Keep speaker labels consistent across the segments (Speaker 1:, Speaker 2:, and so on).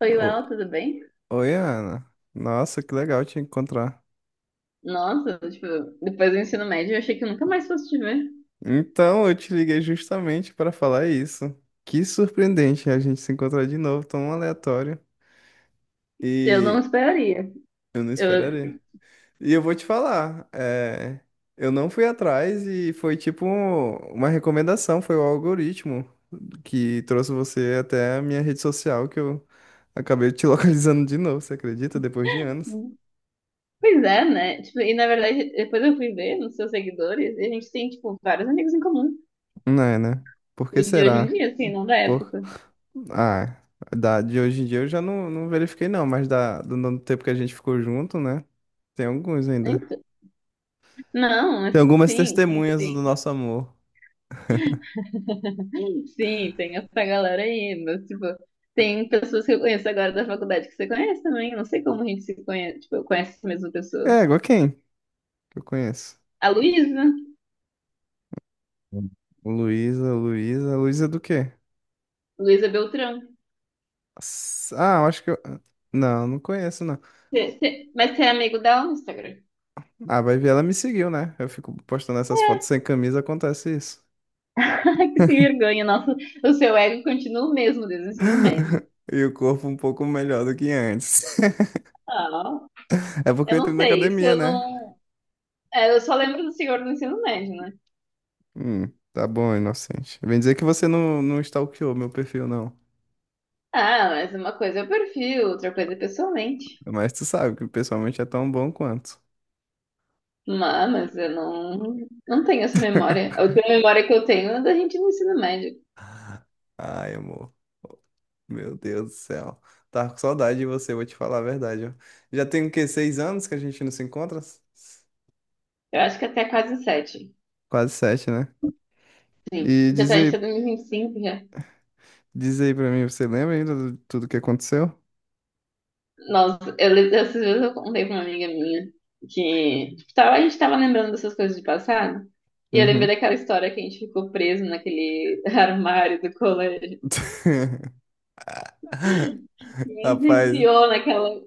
Speaker 1: Oi,
Speaker 2: O-
Speaker 1: Well, tudo bem?
Speaker 2: Oi, Ana. Nossa, que legal te encontrar.
Speaker 1: Nossa, tipo, depois do ensino médio eu achei que eu nunca mais fosse te ver.
Speaker 2: Então, eu te liguei justamente para falar isso. Que surpreendente a gente se encontrar de novo, tão aleatório.
Speaker 1: Eu não
Speaker 2: E
Speaker 1: esperaria.
Speaker 2: eu não esperaria.
Speaker 1: Eu...
Speaker 2: E eu vou te falar, eu não fui atrás e foi tipo uma recomendação, foi o algoritmo que trouxe você até a minha rede social que eu acabei te localizando de novo, você acredita? Depois de anos.
Speaker 1: Pois é, né? Tipo, e na verdade, depois eu fui ver nos seus seguidores e a gente tem, tipo, vários amigos em comum.
Speaker 2: Não é, né? Por
Speaker 1: O
Speaker 2: que
Speaker 1: de hoje em
Speaker 2: será?
Speaker 1: dia, assim, não da
Speaker 2: Pô.
Speaker 1: época.
Speaker 2: Ah, de hoje em dia eu já não verifiquei não, mas do tempo que a gente ficou junto, né? Tem alguns ainda.
Speaker 1: Então, não, mas
Speaker 2: Tem algumas
Speaker 1: sim, sim,
Speaker 2: testemunhas do
Speaker 1: tem.
Speaker 2: nosso amor.
Speaker 1: Sim, tem essa galera aí, mas, tipo, tem pessoas que eu conheço agora da faculdade que você conhece também. Não sei como a gente se conhece, tipo, eu conheço essa mesma pessoa.
Speaker 2: É, igual quem que eu conheço?
Speaker 1: A Luísa,
Speaker 2: Hum. Luísa é do quê?
Speaker 1: Luísa Beltrão.
Speaker 2: Ah, eu acho que eu... Não, não conheço não.
Speaker 1: Mas você é amigo dela no Instagram?
Speaker 2: Ah, vai ver, ela me seguiu, né? Eu fico postando essas fotos sem camisa, acontece isso.
Speaker 1: Ai, que sem vergonha, nossa. O seu ego continua o mesmo desde o ensino médio.
Speaker 2: E o corpo um pouco melhor do que antes.
Speaker 1: Ah,
Speaker 2: É porque
Speaker 1: eu
Speaker 2: eu entrei
Speaker 1: não
Speaker 2: na
Speaker 1: sei, isso
Speaker 2: academia,
Speaker 1: eu
Speaker 2: né?
Speaker 1: não. É, eu só lembro do senhor do ensino médio, né?
Speaker 2: Hum, tá bom, inocente. Vem dizer que você não stalkeou meu perfil, não.
Speaker 1: Ah, mas uma coisa é o perfil, outra coisa é pessoalmente.
Speaker 2: Mas tu sabe que pessoalmente é tão bom quanto.
Speaker 1: Mas eu não, não tenho essa memória. A última memória que eu tenho é da gente no ensino médio.
Speaker 2: Ai, amor. Meu Deus do céu. Tava com saudade de você, vou te falar a verdade. Ó. Já tem o quê? 6 anos que a gente não se encontra?
Speaker 1: Eu acho que até quase sete.
Speaker 2: Quase sete, né?
Speaker 1: Sim.
Speaker 2: E
Speaker 1: Já tá, a gente tá em 2025 já.
Speaker 2: diz aí pra mim, você lembra ainda de tudo que aconteceu?
Speaker 1: Nossa, eu lembro dessas vezes eu contei pra uma amiga minha que tipo, tava, a gente tava lembrando dessas coisas de passado. E eu lembrei
Speaker 2: Uhum.
Speaker 1: daquela história que a gente ficou preso naquele armário do colégio. E se
Speaker 2: Rapaz,
Speaker 1: enfiou naquela.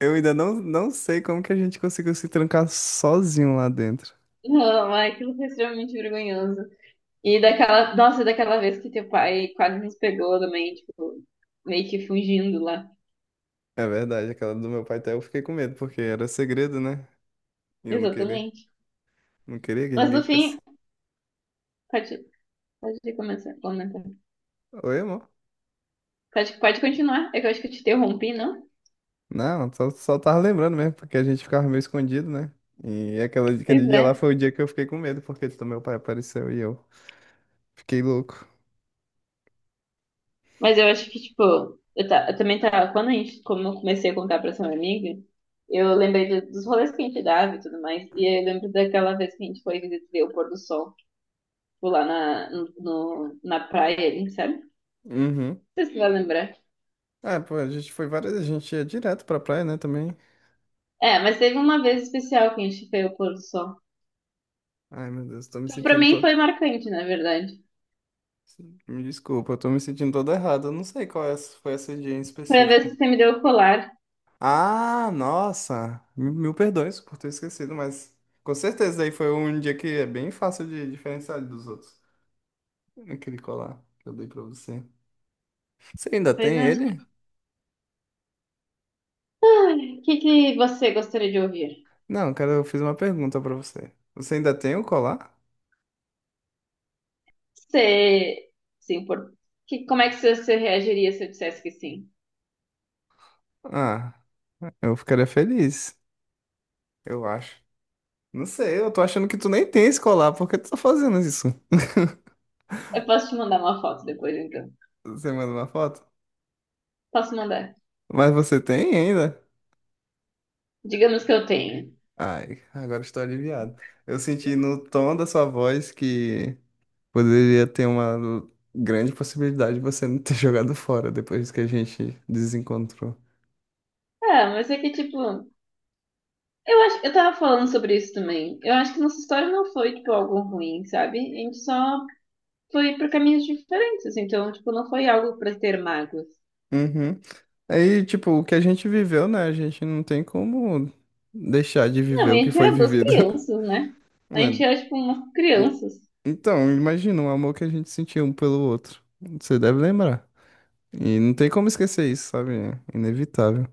Speaker 2: eu ainda não sei como que a gente conseguiu se trancar sozinho lá dentro.
Speaker 1: Não, ai, aquilo foi extremamente vergonhoso. E daquela. Nossa, daquela vez que teu pai quase nos pegou também, tipo, meio que fugindo lá.
Speaker 2: É verdade, aquela do meu pai até eu fiquei com medo, porque era segredo, né? E eu não queria,
Speaker 1: Exatamente.
Speaker 2: não queria que
Speaker 1: Mas
Speaker 2: ninguém
Speaker 1: no fim,
Speaker 2: ficasse.
Speaker 1: pode, pode começar a comentar.
Speaker 2: Oi, amor?
Speaker 1: Pode continuar. É que eu acho que eu te interrompi, não?
Speaker 2: Não, só tava lembrando mesmo, porque a gente ficava meio escondido, né? E
Speaker 1: Pois
Speaker 2: aquele dia
Speaker 1: é.
Speaker 2: lá foi o dia que eu fiquei com medo, porque do meu pai apareceu e eu fiquei louco.
Speaker 1: Mas eu acho que, tipo, eu também tava. Quando a gente, como eu comecei a contar pra essa minha amiga, eu lembrei dos rolês que a gente dava e tudo mais. E aí eu lembro daquela vez que a gente foi ver o pôr do sol, tipo, lá na, no, no- na praia, ali, sabe? Não
Speaker 2: Uhum.
Speaker 1: sei se você vai lembrar.
Speaker 2: Ah, pô, a gente foi várias, a gente ia direto pra praia, né, também.
Speaker 1: É, mas teve uma vez especial que a gente foi ao pôr do sol.
Speaker 2: Ai, meu Deus, tô me
Speaker 1: Tipo, pra
Speaker 2: sentindo,
Speaker 1: mim
Speaker 2: tô...
Speaker 1: foi marcante, na verdade.
Speaker 2: Me desculpa, eu tô me sentindo todo errado, eu não sei qual é, foi esse dia em
Speaker 1: Foi a vez
Speaker 2: específico.
Speaker 1: que você me deu o colar.
Speaker 2: Ah, nossa! Mil perdões por ter esquecido, mas com certeza aí foi um dia que é bem fácil de diferenciar dos outros. Aquele colar que eu dei pra você. Você ainda
Speaker 1: Pois
Speaker 2: tem
Speaker 1: é,
Speaker 2: ele?
Speaker 1: o que que você gostaria de ouvir?
Speaker 2: Não, cara, eu fiz uma pergunta pra você. Você ainda tem o colar?
Speaker 1: Você, sim, por... que, como é que você reagiria se eu dissesse que sim?
Speaker 2: Ah, eu ficaria feliz, eu acho. Não sei, eu tô achando que tu nem tem esse colar, por que tu tá fazendo isso?
Speaker 1: Eu posso te mandar uma foto depois, então.
Speaker 2: Você manda uma foto?
Speaker 1: Posso mandar.
Speaker 2: Mas você tem ainda?
Speaker 1: Digamos que eu tenho.
Speaker 2: Ai, agora estou aliviado. Eu senti no tom da sua voz que poderia ter uma grande possibilidade de você não ter jogado fora depois que a gente desencontrou.
Speaker 1: Ah, mas é que, tipo, eu acho, eu tava falando sobre isso também. Eu acho que nossa história não foi, tipo, algo ruim, sabe? A gente só foi por caminhos diferentes, então, tipo, não foi algo pra ter mágoas.
Speaker 2: Uhum. Aí, tipo, o que a gente viveu, né? A gente não tem como deixar de viver
Speaker 1: Não, e
Speaker 2: o
Speaker 1: a
Speaker 2: que
Speaker 1: gente
Speaker 2: foi
Speaker 1: era duas
Speaker 2: vivido,
Speaker 1: crianças, né? A gente
Speaker 2: né?
Speaker 1: era, tipo, umas crianças.
Speaker 2: Então, imagina o amor que a gente sentiu um pelo outro. Você deve lembrar. E não tem como esquecer isso, sabe? É inevitável.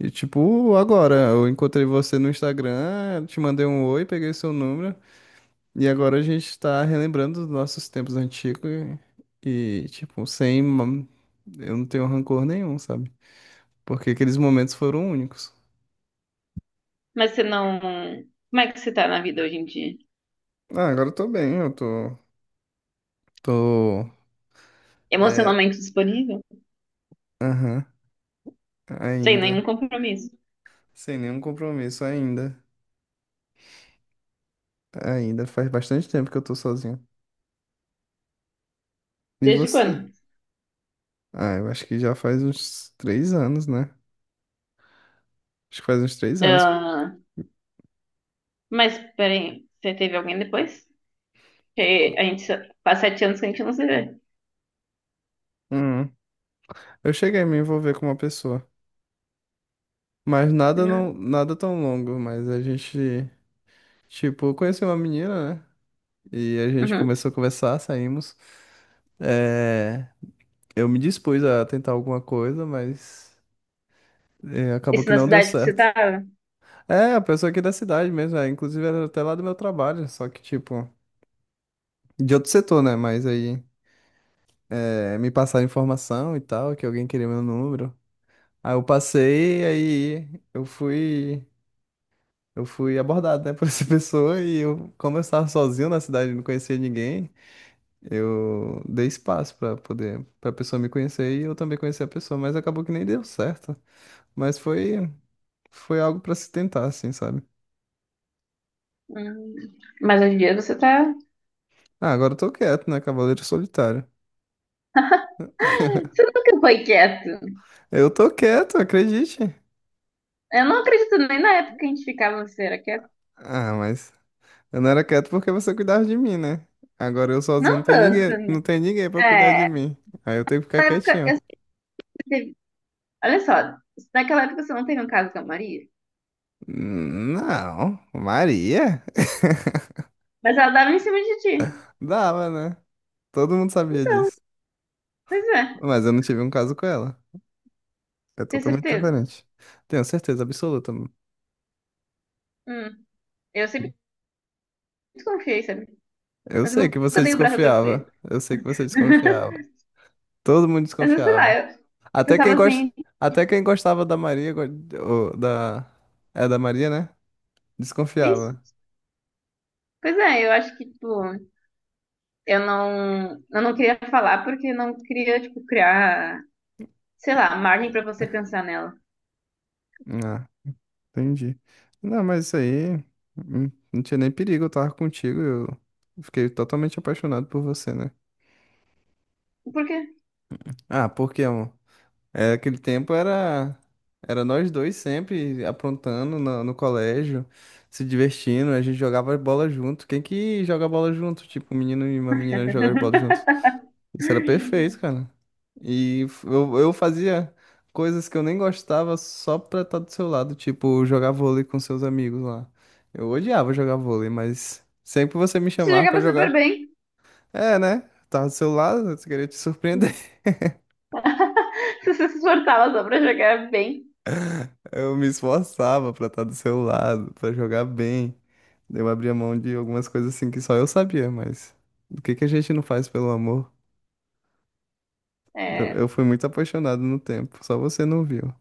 Speaker 2: E, tipo, agora, eu encontrei você no Instagram, te mandei um oi, peguei seu número. E agora a gente tá relembrando dos nossos tempos antigos tipo, sem. Eu não tenho rancor nenhum, sabe? Porque aqueles momentos foram únicos.
Speaker 1: Mas você não. Como é que você tá na vida hoje em dia?
Speaker 2: Ah, agora eu tô bem, eu tô. Tô. É.
Speaker 1: Emocionalmente disponível?
Speaker 2: Aham.
Speaker 1: Sem nenhum
Speaker 2: Ainda.
Speaker 1: compromisso.
Speaker 2: Sem nenhum compromisso, ainda. Ainda. Faz bastante tempo que eu tô sozinho. E
Speaker 1: Desde
Speaker 2: você?
Speaker 1: quando?
Speaker 2: Ah, eu acho que já faz uns 3 anos, né? Acho que faz uns 3 anos.
Speaker 1: Ah, mas, peraí, você teve alguém depois? Que a gente só- faz sete anos que a gente não se vê.
Speaker 2: Hum. Eu cheguei a me envolver com uma pessoa. Mas
Speaker 1: Hum.
Speaker 2: nada tão longo, mas a gente... Tipo, eu conheci uma menina, né? E a gente
Speaker 1: Uhum.
Speaker 2: começou a conversar, saímos. É, eu me dispus a tentar alguma coisa, mas é, acabou
Speaker 1: Isso
Speaker 2: que
Speaker 1: na
Speaker 2: não deu
Speaker 1: cidade que você
Speaker 2: certo.
Speaker 1: tava?
Speaker 2: É, a pessoa aqui da cidade mesmo, é, inclusive era até lá do meu trabalho, só que tipo, de outro setor, né? Mas aí é, me passaram informação e tal, que alguém queria meu número. Aí eu passei, aí eu fui abordado, né, por essa pessoa e eu, como eu estava sozinho na cidade, não conhecia ninguém. Eu dei espaço pra poder para pessoa me conhecer e eu também conhecer a pessoa, mas acabou que nem deu certo. Mas foi algo pra se tentar, assim, sabe?
Speaker 1: Hum. Mas hoje em dia você tá.
Speaker 2: Ah, agora eu tô quieto, né, Cavaleiro Solitário?
Speaker 1: Você nunca foi quieto.
Speaker 2: Eu tô quieto, acredite.
Speaker 1: Eu não acredito nem na época que a gente ficava, você era quieto.
Speaker 2: Ah, mas eu não era quieto porque você cuidava de mim, né? Agora eu sozinho não
Speaker 1: Não
Speaker 2: tem
Speaker 1: tanto
Speaker 2: ninguém, não
Speaker 1: também.
Speaker 2: tem ninguém para cuidar de
Speaker 1: É, na
Speaker 2: mim. Aí eu tenho que ficar
Speaker 1: época,
Speaker 2: quietinho.
Speaker 1: eu sempre teve... Olha só, naquela época você não teve um caso com a Maria,
Speaker 2: Não, Maria?
Speaker 1: mas ela dava em cima de ti.
Speaker 2: Dava, né? Todo mundo sabia
Speaker 1: Então,
Speaker 2: disso.
Speaker 1: pois é,
Speaker 2: Mas eu não tive um caso com ela. É
Speaker 1: tenho
Speaker 2: totalmente
Speaker 1: certeza.
Speaker 2: diferente. Tenho certeza absoluta.
Speaker 1: Hum, eu sempre desconfiei, sabe?
Speaker 2: Eu
Speaker 1: Mas eu
Speaker 2: sei que você
Speaker 1: nunca dei o braço a torcer.
Speaker 2: desconfiava. Eu sei que você desconfiava. Todo mundo
Speaker 1: Mas sei lá,
Speaker 2: desconfiava.
Speaker 1: eu
Speaker 2: Até quem
Speaker 1: pensava
Speaker 2: gosta,
Speaker 1: assim,
Speaker 2: até quem gostava da Maria, ou da é da Maria, né?
Speaker 1: "Ixi,
Speaker 2: Desconfiava.
Speaker 1: pois é, eu acho que, tipo, eu não queria falar porque eu não queria, tipo, criar, sei lá, margem pra você pensar nela.
Speaker 2: Ah, entendi. Não, mas isso aí não tinha nem perigo, eu tava contigo, eu fiquei totalmente apaixonado por você, né?
Speaker 1: Por quê?
Speaker 2: Ah, por quê? É, aquele tempo era era nós dois sempre aprontando no colégio, se divertindo, a gente jogava bola junto. Quem que joga bola junto? Tipo, um menino e uma menina jogam bola junto. Isso era perfeito, cara. E eu fazia coisas que eu nem gostava só pra estar do seu lado, tipo, jogar vôlei com seus amigos lá. Eu odiava jogar vôlei, mas sempre você me
Speaker 1: Você
Speaker 2: chamava pra
Speaker 1: jogava super
Speaker 2: jogar.
Speaker 1: bem.
Speaker 2: É, né? Tava do seu lado, eu queria te surpreender.
Speaker 1: Se você se esforçava só pra jogar bem.
Speaker 2: Eu me esforçava pra estar do seu lado, pra jogar bem. Eu abria mão de algumas coisas assim que só eu sabia, mas o que que a gente não faz pelo amor? Eu
Speaker 1: É,
Speaker 2: fui muito apaixonado no tempo, só você não viu.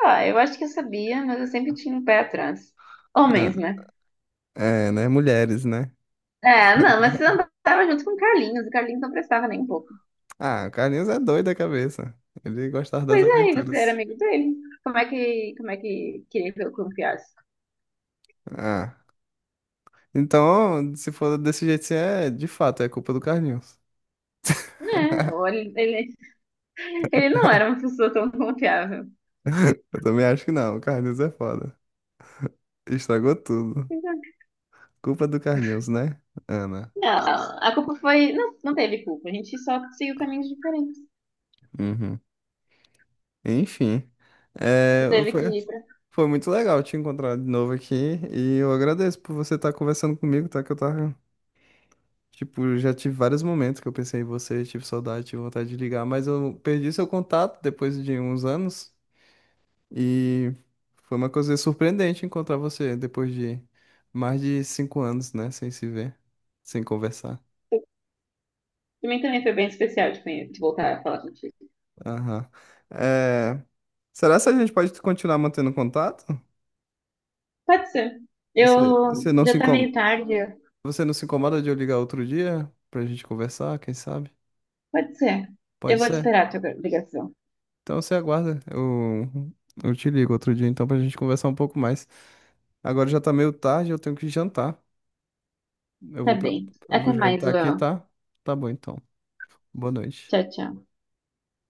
Speaker 1: ah, eu acho que eu sabia, mas eu sempre tinha um pé atrás.
Speaker 2: Ah,
Speaker 1: Homens, né?
Speaker 2: é, né? Mulheres, né?
Speaker 1: É, não, mas você andava junto com o Carlinhos não prestava nem um pouco.
Speaker 2: Ah, o Carlinhos é doido da cabeça. Ele gostava das
Speaker 1: Pois é, e você era
Speaker 2: aventuras.
Speaker 1: amigo dele. Como é que queria que eu confiasse?
Speaker 2: Ah, então, se for desse jeito, assim, é de fato, é culpa do Carlinhos.
Speaker 1: Né? Ou ele ele não era uma pessoa tão confiável.
Speaker 2: Eu também acho que não, o Carlinhos é foda. Estragou tudo. Culpa do Carlinhos, né, Ana?
Speaker 1: Não, a culpa foi. Não, não teve culpa. A gente só seguiu caminhos diferentes.
Speaker 2: Uhum. Enfim,
Speaker 1: Tu
Speaker 2: é,
Speaker 1: teve que ir pra.
Speaker 2: foi muito legal te encontrar de novo aqui e eu agradeço por você estar conversando comigo, tá? Que eu tava, tipo, já tive vários momentos que eu pensei em você, tive saudade, tive vontade de ligar, mas eu perdi seu contato depois de uns anos e foi uma coisa surpreendente encontrar você depois de mais de 5 anos, né? Sem se ver, sem conversar.
Speaker 1: Pra mim também foi bem especial de voltar a falar contigo.
Speaker 2: Aham. É, será que a gente pode continuar mantendo contato?
Speaker 1: Pode ser.
Speaker 2: Você,
Speaker 1: Eu.
Speaker 2: você não se
Speaker 1: Já tá meio
Speaker 2: incomoda?
Speaker 1: tarde.
Speaker 2: Você não se incomoda de eu ligar outro dia pra gente conversar, quem sabe?
Speaker 1: Pode ser.
Speaker 2: Pode
Speaker 1: Eu vou te
Speaker 2: ser?
Speaker 1: esperar a tua ligação.
Speaker 2: Então você aguarda. Eu te ligo outro dia então pra gente conversar um pouco mais. Agora já tá meio tarde, eu tenho que jantar. Eu
Speaker 1: Tá
Speaker 2: vou, pre-
Speaker 1: bem.
Speaker 2: eu vou
Speaker 1: Até mais,
Speaker 2: jantar aqui,
Speaker 1: Will.
Speaker 2: tá? Tá bom então. Boa noite.
Speaker 1: Tchau, tchau.